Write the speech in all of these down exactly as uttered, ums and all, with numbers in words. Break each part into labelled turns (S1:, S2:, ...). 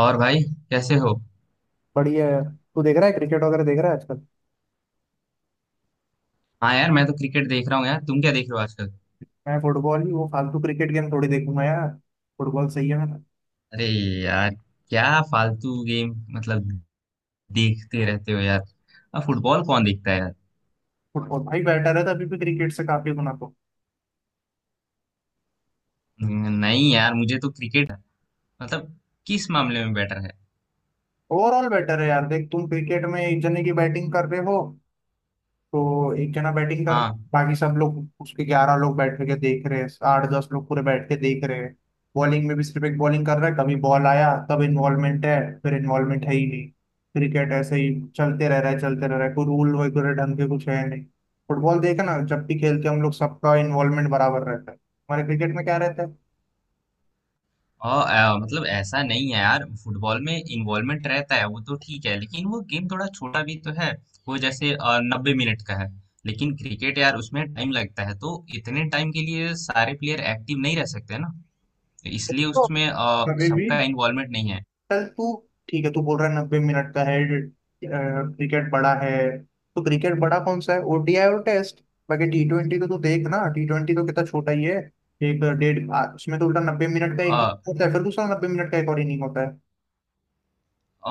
S1: और भाई, कैसे हो?
S2: बढ़िया है। तू देख रहा है क्रिकेट वगैरह देख रहा है आजकल।
S1: हाँ यार, मैं तो क्रिकेट देख रहा हूँ यार। तुम क्या देख रहे हो आजकल?
S2: मैं फुटबॉल ही वो फालतू क्रिकेट गेम थोड़ी देखूंगा यार। फुटबॉल सही है मेरा।
S1: अरे यार, क्या फालतू गेम मतलब देखते रहते हो यार। अब फुटबॉल कौन देखता है यार?
S2: फुटबॉल भाई बेटर है तो अभी भी क्रिकेट से काफी गुना तो
S1: न- नहीं यार, मुझे तो क्रिकेट मतलब किस मामले में बेटर है?
S2: ओवरऑल बेटर है यार। देख, तुम क्रिकेट में एक जने की बैटिंग कर रहे हो तो एक जना बैटिंग कर,
S1: हाँ।
S2: बाकी सब लोग उसके ग्यारह लोग बैठ के देख रहे हैं, आठ दस लोग पूरे बैठ के देख रहे हैं। बॉलिंग में भी सिर्फ एक बॉलिंग कर रहा है, कभी बॉल आया तब इन्वॉल्वमेंट है, फिर इन्वॉल्वमेंट है ही नहीं। क्रिकेट ऐसे ही चलते रह रहा है चलते रह रहा है कोई रूल वगैरह ढंग के कुछ है नहीं। फुटबॉल देखे ना, जब भी खेलते हैं हम लोग सबका इन्वॉल्वमेंट बराबर रहता है, हमारे क्रिकेट में क्या रहता है।
S1: और अ, मतलब ऐसा नहीं है यार, फुटबॉल में इन्वॉल्वमेंट रहता है वो तो ठीक है, लेकिन वो गेम थोड़ा छोटा भी तो है। वो जैसे नब्बे मिनट का है। लेकिन क्रिकेट यार, उसमें टाइम लगता है, तो इतने टाइम के लिए सारे प्लेयर एक्टिव नहीं रह सकते ना, इसलिए
S2: तो
S1: उसमें अ,
S2: कभी भी
S1: सबका इन्वॉल्वमेंट नहीं है।
S2: चल तू, ठीक है, तू बोल रहा है नब्बे मिनट का है, क्रिकेट बड़ा है। तो क्रिकेट बड़ा कौन सा है? ओ डी आई और टेस्ट। बाकी टी ट्वेंटी को तो देख ना, टी ट्वेंटी तो कितना छोटा ही है, एक डेढ़ आ, उसमें तो उल्टा नब्बे मिनट का
S1: अ,
S2: एक होता है, फिर दूसरा नब्बे मिनट का एक और इनिंग होता है।
S1: अ,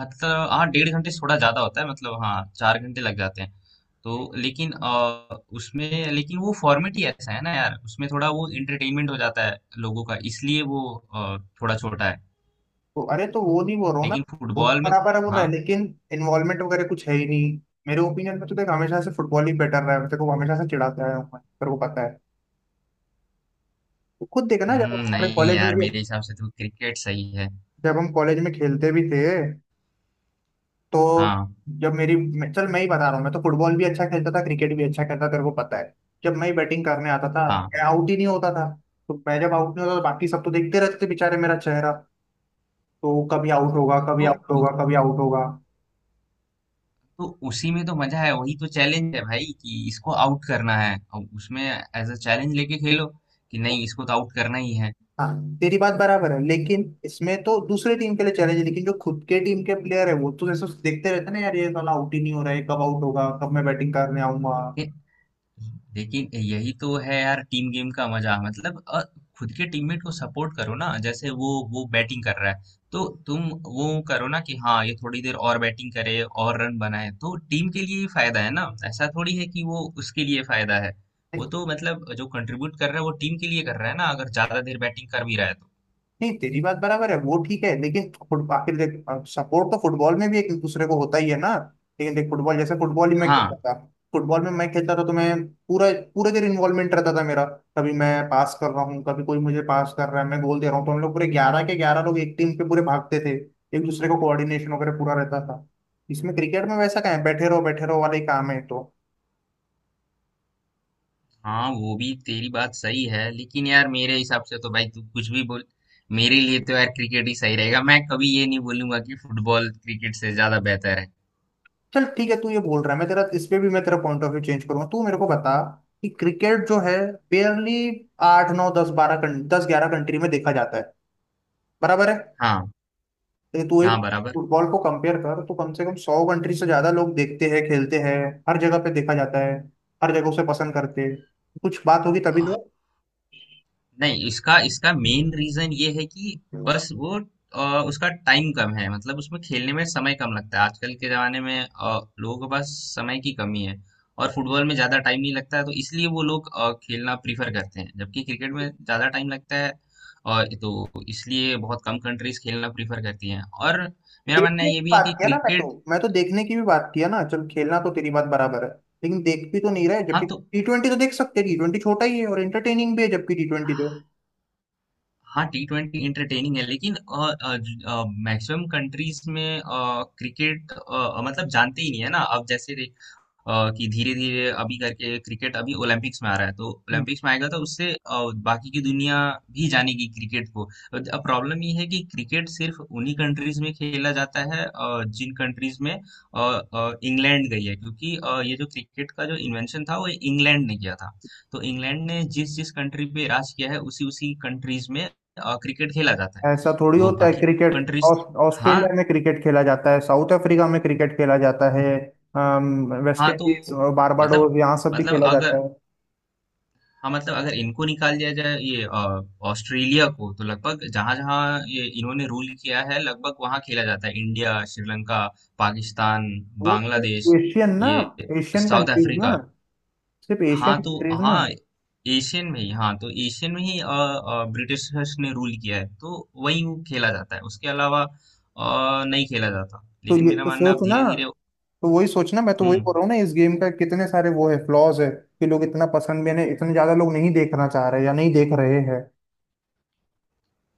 S1: मतलब हाँ, डेढ़ घंटे से थोड़ा ज्यादा होता है, मतलब हाँ चार घंटे लग जाते हैं। तो लेकिन अ, उसमें लेकिन वो फॉर्मेट ही ऐसा है ना यार, उसमें थोड़ा वो एंटरटेनमेंट हो जाता है लोगों का, इसलिए वो अ, थोड़ा छोटा है।
S2: तो अरे तो वो नहीं बोल रहा हूँ ना,
S1: लेकिन
S2: बहुत
S1: फुटबॉल में
S2: बराबर है वो रहा
S1: हाँ।
S2: है, लेकिन इन्वॉल्वमेंट वगैरह कुछ है ही नहीं। मेरे ओपिनियन में तो देख हमेशा से फुटबॉल ही बेटर रहा है, तेरे को हमेशा से चिढ़ाते आया हूँ मैं, तेरे को पता है। तो खुद देखना जब
S1: हम्म,
S2: हमारे
S1: नहीं
S2: कॉलेज में
S1: यार,
S2: भी,
S1: मेरे हिसाब से तो क्रिकेट सही है।
S2: जब हम कॉलेज में खेलते भी थे तो,
S1: हाँ।
S2: जब मेरी मैं- चल मैं ही बता रहा हूँ, मैं तो फुटबॉल भी अच्छा खेलता था क्रिकेट भी अच्छा खेलता था, तेरे को पता है। जब मैं बैटिंग करने आता था
S1: हाँ
S2: मैं आउट ही नहीं होता था, तो मैं जब आउट नहीं होता तो बाकी सब तो देखते रहते थे बेचारे मेरा चेहरा, तो कभी आउट होगा कभी
S1: तो
S2: आउट होगा कभी आउट होगा।
S1: तो उसी में तो मजा है, वही तो चैलेंज है भाई कि इसको आउट करना है, और उसमें एज अ चैलेंज लेके खेलो कि
S2: तो
S1: नहीं, इसको तो आउट करना ही है।
S2: हाँ, तेरी बात बराबर है, लेकिन इसमें तो दूसरे टीम के लिए चैलेंज है, लेकिन जो खुद के टीम के प्लेयर है वो तो जैसे देखते रहते हैं ना यार, ये साला आउट ही नहीं हो रहा है, कब आउट होगा, कब मैं बैटिंग करने आऊंगा।
S1: लेकिन लेकिन यही तो है यार, टीम गेम का मजा मतलब अ, खुद के टीममेट को सपोर्ट करो ना, जैसे वो वो बैटिंग कर रहा है तो तुम वो करो ना कि हाँ, ये थोड़ी देर और बैटिंग करे और रन बनाए, तो टीम के लिए ही फायदा है ना। ऐसा थोड़ी है कि वो उसके लिए फायदा है। वो तो मतलब जो कंट्रीब्यूट कर रहा है वो टीम के लिए कर रहा है ना, अगर ज्यादा देर बैटिंग कर भी रहा है तो।
S2: नहीं, तेरी बात बराबर है वो ठीक है, लेकिन फुट- आखिर देख सपोर्ट तो फुटबॉल में भी एक दूसरे को होता ही है ना। लेकिन देख फुटबॉल, जैसे फुटबॉल ही मैं खेलता
S1: हाँ।
S2: था, फुटबॉल में मैं खेलता था तो मैं पूरा पूरे देर इन्वॉल्वमेंट रहता था मेरा। कभी मैं पास कर रहा हूँ कभी कोई मुझे पास कर रहा है मैं गोल दे रहा हूँ, तो हम लोग पूरे ग्यारह के ग्यारह लोग एक टीम पे पूरे भागते थे, एक दूसरे को कोऑर्डिनेशन वगैरह पूरा रहता था। इसमें क्रिकेट में वैसा क्या है, बैठे रहो बैठे रहो वाले काम है तो।
S1: हाँ, वो भी तेरी बात सही है, लेकिन यार मेरे हिसाब से तो भाई तू कुछ भी बोल, मेरे लिए तो यार क्रिकेट ही सही रहेगा। मैं कभी ये नहीं बोलूंगा कि फुटबॉल क्रिकेट से ज्यादा बेहतर है।
S2: चल ठीक है, तू ये बोल रहा है, मैं तेरा इस पे भी मैं तेरा पॉइंट ऑफ व्यू चेंज करूंगा, तू मेरे को बता कि क्रिकेट जो है बेयरली आठ नौ दस बारह, दस ग्यारह कंट्री में देखा जाता है, बराबर है।
S1: हाँ।
S2: लेकिन तू एक
S1: हाँ बराबर।
S2: फुटबॉल को कंपेयर कर तो कम से कम सौ कंट्री से ज्यादा लोग देखते हैं खेलते हैं, हर जगह पे देखा जाता है, हर जगह उसे पसंद करते हैं, कुछ बात होगी तभी।
S1: नहीं, इसका इसका मेन रीजन ये है कि
S2: तो
S1: बस वो अ, उसका टाइम कम है, मतलब उसमें खेलने में समय कम लगता है। आजकल के जमाने में अ, लोगों के पास समय की कमी है, और फुटबॉल में ज्यादा टाइम नहीं लगता है, तो इसलिए वो लोग अ, खेलना प्रीफर करते हैं, जबकि क्रिकेट में ज्यादा टाइम लगता है, और तो इसलिए बहुत कम कंट्रीज खेलना प्रीफर करती हैं। और मेरा मानना
S2: देखने की
S1: ये भी है
S2: बात
S1: कि
S2: किया ना, मैं
S1: क्रिकेट
S2: तो मैं तो देखने की भी बात किया ना, चल खेलना तो तेरी बात बराबर है, लेकिन देख भी तो नहीं रहे,
S1: हाँ
S2: जबकि
S1: तो
S2: टी ट्वेंटी तो देख सकते हैं, टी ट्वेंटी छोटा ही है और एंटरटेनिंग भी है, जबकि टी ट्वेंटी तो।
S1: हाँ, टी ट्वेंटी इंटरटेनिंग है, लेकिन मैक्सिमम कंट्रीज में क्रिकेट मतलब जानते ही नहीं है ना। अब जैसे अ, कि धीरे धीरे अभी करके क्रिकेट अभी ओलंपिक्स में आ रहा है, तो ओलंपिक्स में आएगा तो उससे अ, बाकी की दुनिया भी जानेगी क्रिकेट को। अब प्रॉब्लम ये है कि क्रिकेट सिर्फ उन्हीं कंट्रीज में खेला जाता है, अ, जिन कंट्रीज में अ, अ, इंग्लैंड गई है, क्योंकि अ, ये जो क्रिकेट का जो इन्वेंशन था वो इंग्लैंड ने किया था। तो इंग्लैंड ने जिस जिस कंट्री पे राज किया है उसी उसी कंट्रीज में अ, क्रिकेट खेला जाता है।
S2: ऐसा थोड़ी
S1: तो
S2: होता है
S1: बाकी
S2: क्रिकेट।
S1: कंट्रीज
S2: ऑस-
S1: हाँ।
S2: ऑस्ट्रेलिया में क्रिकेट खेला जाता है, साउथ अफ्रीका में क्रिकेट खेला जाता है, अम, वेस्ट
S1: हाँ तो
S2: इंडीज और
S1: मतलब
S2: बारबाडोस यहाँ सब भी
S1: मतलब
S2: खेला जाता
S1: अगर,
S2: है।
S1: हाँ मतलब अगर इनको निकाल दिया जाए ये अ, ऑस्ट्रेलिया को, तो लगभग जहां जहां ये इन्होंने रूल किया है लगभग वहां खेला जाता है। इंडिया, श्रीलंका, पाकिस्तान,
S2: वो सिर्फ
S1: बांग्लादेश,
S2: एशियन ना,
S1: ये
S2: एशियन
S1: साउथ
S2: कंट्रीज ना,
S1: अफ्रीका।
S2: सिर्फ
S1: हाँ
S2: एशियन
S1: तो
S2: कंट्रीज ना।
S1: हाँ एशियन में ही, हाँ तो एशियन में ही अ, अ, ब्रिटिशर्स ने रूल किया है, तो वही वो खेला जाता है, उसके अलावा अ, नहीं खेला जाता।
S2: तो
S1: लेकिन
S2: ये
S1: मेरा
S2: तो
S1: मानना
S2: सोच
S1: अब
S2: ना,
S1: धीरे धीरे
S2: तो वही सोचना, मैं तो वही बोल
S1: हम्म।
S2: रहा हूँ ना, इस गेम का कितने सारे वो है फ्लॉज है कि लोग इतना पसंद भी नहीं, इतने ज्यादा लोग नहीं देखना चाह रहे या नहीं देख रहे हैं।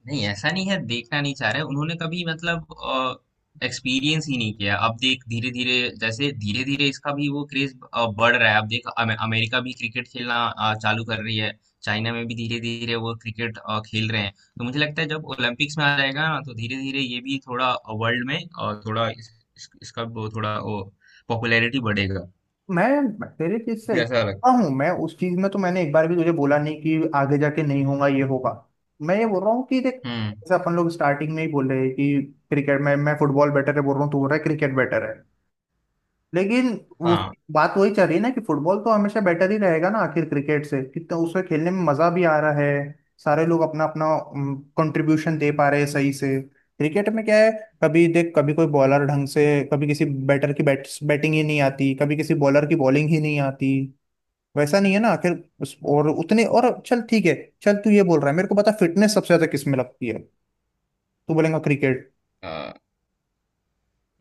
S1: नहीं, ऐसा नहीं है देखना नहीं चाह रहे, उन्होंने कभी मतलब एक्सपीरियंस ही नहीं किया। अब देख धीरे धीरे, जैसे धीरे धीरे इसका भी वो क्रेज बढ़ रहा है। अब देख, अमे- अमेरिका भी क्रिकेट खेलना अ, चालू कर रही है, चाइना में भी धीरे धीरे वो क्रिकेट अ, खेल रहे हैं, तो मुझे लगता है जब ओलंपिक्स में आ जाएगा ना तो धीरे धीरे ये भी थोड़ा वर्ल्ड में और थोड़ा इस, इस, इसका वो थोड़ा वो पॉपुलैरिटी बढ़ेगा।
S2: मैं तेरे चीज से
S1: मुझे ऐसा लगता
S2: एकदम हूँ मैं, उस चीज में तो मैंने एक बार भी तुझे बोला नहीं कि आगे जाके नहीं होगा ये होगा। मैं ये बोल रहा हूँ कि देख,
S1: है। हम्म।
S2: जैसे अपन लोग स्टार्टिंग में ही बोल रहे हैं कि क्रिकेट में, मैं फुटबॉल बेटर है बोल रहा हूँ, तू बोल रहा है क्रिकेट बेटर है, लेकिन वो बात वही चल रही है ना कि फुटबॉल तो हमेशा बेटर ही रहेगा ना आखिर क्रिकेट से, कितना उसमें खेलने में मजा भी आ रहा है, सारे लोग अपना अपना कंट्रीब्यूशन दे पा रहे हैं सही से। क्रिकेट में क्या है, कभी देख कभी कोई बॉलर ढंग से, कभी किसी बैटर की बैट बैटिंग ही नहीं आती, कभी किसी बॉलर की बॉलिंग ही नहीं आती, वैसा नहीं है ना आखिर। उस, और उतने और, चल ठीक है। चल तू ये बोल रहा है, मेरे को पता फिटनेस सबसे ज्यादा किस में लगती है, तू बोलेगा क्रिकेट।
S1: हाँ।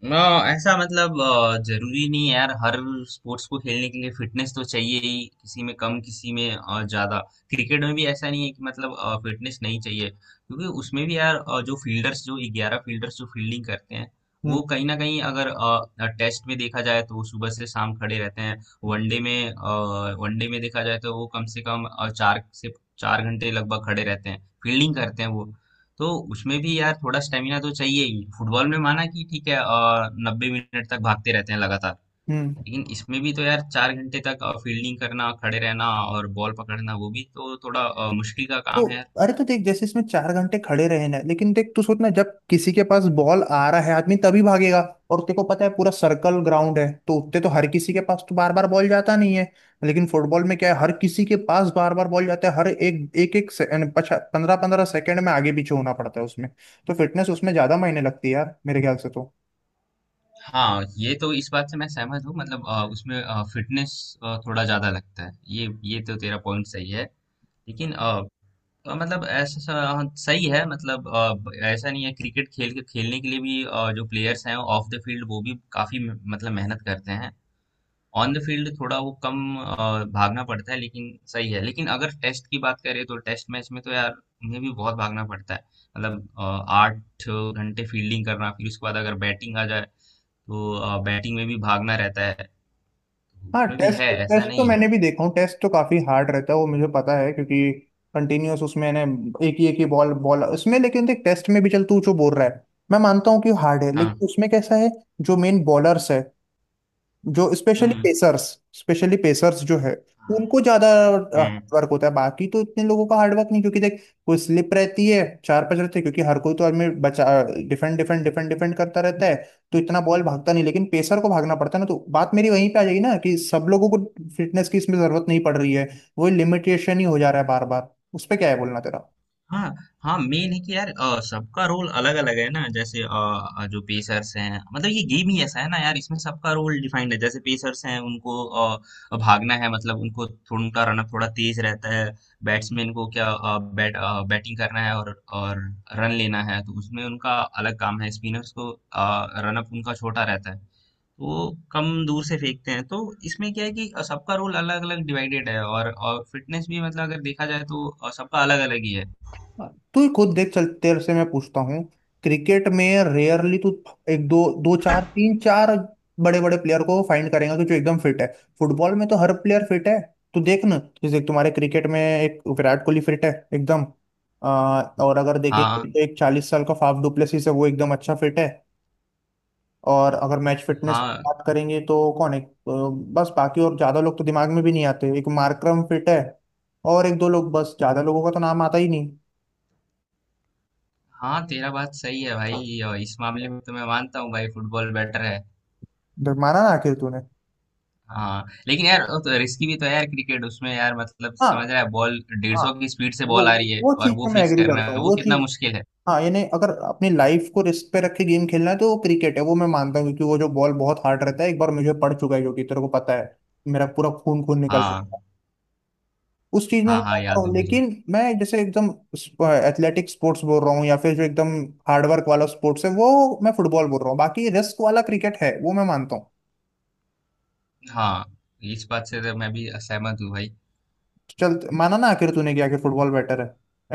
S1: ना। ऐसा मतलब अ, जरूरी नहीं है यार, हर स्पोर्ट्स को खेलने के लिए फिटनेस तो चाहिए ही, किसी में कम किसी में अ, ज्यादा। क्रिकेट में भी ऐसा नहीं है कि मतलब फिटनेस नहीं चाहिए, क्योंकि उसमें भी यार अ, जो फील्डर्स, जो ग्यारह फील्डर्स जो फील्डिंग करते हैं,
S2: हम्म।
S1: वो कहीं ना कहीं अगर अ, टेस्ट में देखा जाए तो वो सुबह से शाम खड़े रहते हैं। वनडे में अ, वनडे में देखा जाए तो वो कम से कम अ, चार से चार घंटे लगभग खड़े रहते हैं, फील्डिंग करते हैं वो। तो उसमें भी यार थोड़ा स्टेमिना तो चाहिए ही। फुटबॉल में माना कि ठीक है और नब्बे मिनट तक भागते रहते हैं लगातार,
S2: हम्म।
S1: लेकिन इसमें भी तो यार चार घंटे तक फील्डिंग करना, खड़े रहना और बॉल पकड़ना वो भी तो थोड़ा अ, मुश्किल का
S2: तो
S1: काम है यार।
S2: अरे तो देख, जैसे इसमें चार घंटे खड़े रहे ना, लेकिन देख तू सोचना, जब किसी के पास बॉल आ रहा है आदमी तभी भागेगा, और तेरे को पता है पूरा सर्कल ग्राउंड है तो उतने तो हर किसी के पास तो बार बार बॉल जाता नहीं है, लेकिन फुटबॉल में क्या है, हर किसी के पास बार बार बॉल जाता है, हर एक एक एक पंद्रह पंद्रह सेकंड में आगे पीछे होना पड़ता है उसमें, तो फिटनेस उसमें ज्यादा मायने लगती है यार, मेरे ख्याल से तो।
S1: हाँ, ये तो इस बात से मैं सहमत हूँ। मतलब अ, उसमें फिटनेस थोड़ा ज्यादा लगता है। ये ये तो तेरा पॉइंट सही है। लेकिन अ, अ, मतलब ऐसा सा- हाँ, सही है। मतलब अ, ब- ऐसा नहीं है क्रिकेट खेल के खेलने के लिए भी अ, जो प्लेयर्स हैं ऑफ द फील्ड वो भी काफी म- मतलब मेहनत करते हैं। ऑन द फील्ड थोड़ा वो कम अ, भागना पड़ता है, लेकिन सही है। लेकिन अगर टेस्ट की बात करें तो टेस्ट मैच में तो यार उन्हें भी बहुत भागना पड़ता है। मतलब अ, आठ घंटे फील्डिंग करना, फिर उसके बाद अगर बैटिंग आ जाए तो बैटिंग में भी भागना रहता है, तो
S2: हाँ,
S1: उसमें भी
S2: टेस्ट
S1: है, ऐसा
S2: टेस्ट तो
S1: नहीं है।
S2: मैंने भी देखा हूँ, टेस्ट तो काफी हार्ड रहता है वो, मुझे पता है क्योंकि कंटिन्यूअस उसमें ने, एक ही एक ही बॉल बॉल उसमें, लेकिन देख टेस्ट में भी, चल तू जो बोल रहा है मैं मानता हूँ कि हार्ड है,
S1: हाँ।
S2: लेकिन उसमें कैसा है जो मेन बॉलर्स है, जो स्पेशली
S1: हम्म।
S2: पेसर्स, स्पेशली पेसर्स जो है उनको ज्यादा
S1: हम्म।
S2: हार्डवर्क होता है, बाकी तो इतने लोगों का हार्डवर्क नहीं क्योंकि देख कोई स्लिप रहती है, चार पांच रहते हैं क्योंकि हर कोई तो आदमी बचा डिफेंड डिफेंड डिफेंड डिफेंड करता रहता है, तो इतना बॉल भागता नहीं, लेकिन पेसर को भागना पड़ता है ना, तो बात मेरी वहीं पे आ जाएगी ना कि सब लोगों को फिटनेस की इसमें जरूरत नहीं पड़ रही है, वो लिमिटेशन ही हो जा रहा है बार बार। उस पर क्या है बोलना तेरा?
S1: हाँ। हाँ, मेन है कि यार अ, सबका रोल अलग अलग है ना। जैसे अ, जो पेसर्स हैं, मतलब ये गेम ही ऐसा है ना यार, इसमें सबका रोल डिफाइंड है। जैसे पेसर्स हैं, उनको अ, भागना है, मतलब उनको थोड़ा उनका रनअप थोड़ा तेज रहता है। बैट्समैन को क्या अ, बैट अ, बैटिंग करना है, और और रन लेना है, तो उसमें उनका अलग काम है। स्पिनर्स को रनअप उनका छोटा रहता है, तो वो कम दूर से फेंकते हैं। तो इसमें क्या है कि सबका रोल अलग अलग डिवाइडेड है, और, और फिटनेस भी मतलब अगर देखा जाए तो सबका अलग अलग ही है।
S2: हाँ, तू खुद देख, चल तेरे से मैं पूछता हूँ, क्रिकेट में रेयरली तू एक दो दो चार तीन चार बड़े बड़े प्लेयर को फाइंड करेगा कि जो एकदम फिट है, फुटबॉल में तो हर प्लेयर फिट है। तू देख ना, जैसे तुम्हारे क्रिकेट में एक विराट कोहली फिट है एकदम, आ, और अगर देखेंगे
S1: हाँ।
S2: तो एक चालीस साल का फाफ डुप्लेसिस है वो एकदम अच्छा फिट है, और अगर मैच फिटनेस
S1: हाँ।
S2: बात करेंगे तो कौन है, अ, बस, बाकी और ज्यादा लोग तो दिमाग में भी नहीं आते, एक मार्करम फिट है और एक दो लोग बस, ज्यादा लोगों का तो नाम आता ही नहीं।
S1: हाँ तेरा बात सही है भाई, और इस मामले में तो मैं मानता हूँ भाई फुटबॉल बेटर है।
S2: माना ना आखिर तूने।
S1: हाँ। लेकिन यार वो तो रिस्की भी तो है यार क्रिकेट। उसमें यार मतलब समझ
S2: हाँ
S1: रहा है, बॉल डेढ़
S2: हाँ,
S1: सौ की स्पीड से
S2: वो
S1: बॉल आ रही है
S2: वो
S1: और
S2: चीज
S1: वो
S2: में मैं
S1: फेस
S2: एग्री
S1: करना
S2: करता
S1: है,
S2: हूँ
S1: वो
S2: वो
S1: कितना
S2: चीज।
S1: मुश्किल है।
S2: हाँ यानी अगर अपनी लाइफ को रिस्क पे रख के गेम खेलना है तो वो क्रिकेट है वो मैं मानता हूँ, क्योंकि वो जो बॉल बहुत हार्ड रहता है, एक बार मुझे पड़ चुका है जो कि तेरे को पता है, मेरा पूरा खून खून निकल गया,
S1: हाँ।
S2: उस चीज में मैं
S1: हाँ। हाँ
S2: मानता
S1: याद है
S2: हूँ,
S1: मुझे।
S2: लेकिन मैं जैसे एकदम एथलेटिक स्पोर्ट्स बोल रहा हूँ, या फिर जो एकदम हार्डवर्क वाला स्पोर्ट्स है वो मैं फुटबॉल बोल रहा हूँ, बाकी रिस्क वाला क्रिकेट है वो मैं मानता हूँ।
S1: हाँ, इस बात से तो मैं भी सहमत हूँ भाई।
S2: चल, माना ना आखिर तूने किया कि आखिर फुटबॉल बेटर है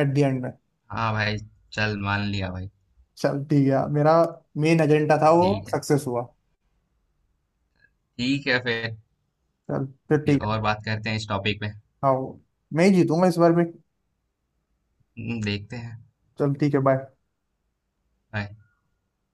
S2: एट द एंड में।
S1: हाँ भाई, चल मान लिया भाई।
S2: चल ठीक है, मेरा मेन एजेंडा था वो
S1: ठीक है।
S2: सक्सेस हुआ,
S1: ठीक है फिर
S2: चल फिर
S1: भी,
S2: ठीक है।
S1: और बात करते हैं इस टॉपिक पे।
S2: हाँ, मैं ही जीतूंगा इस बार भी।
S1: हम्म, देखते हैं।
S2: चल ठीक है, बाय।
S1: Bye।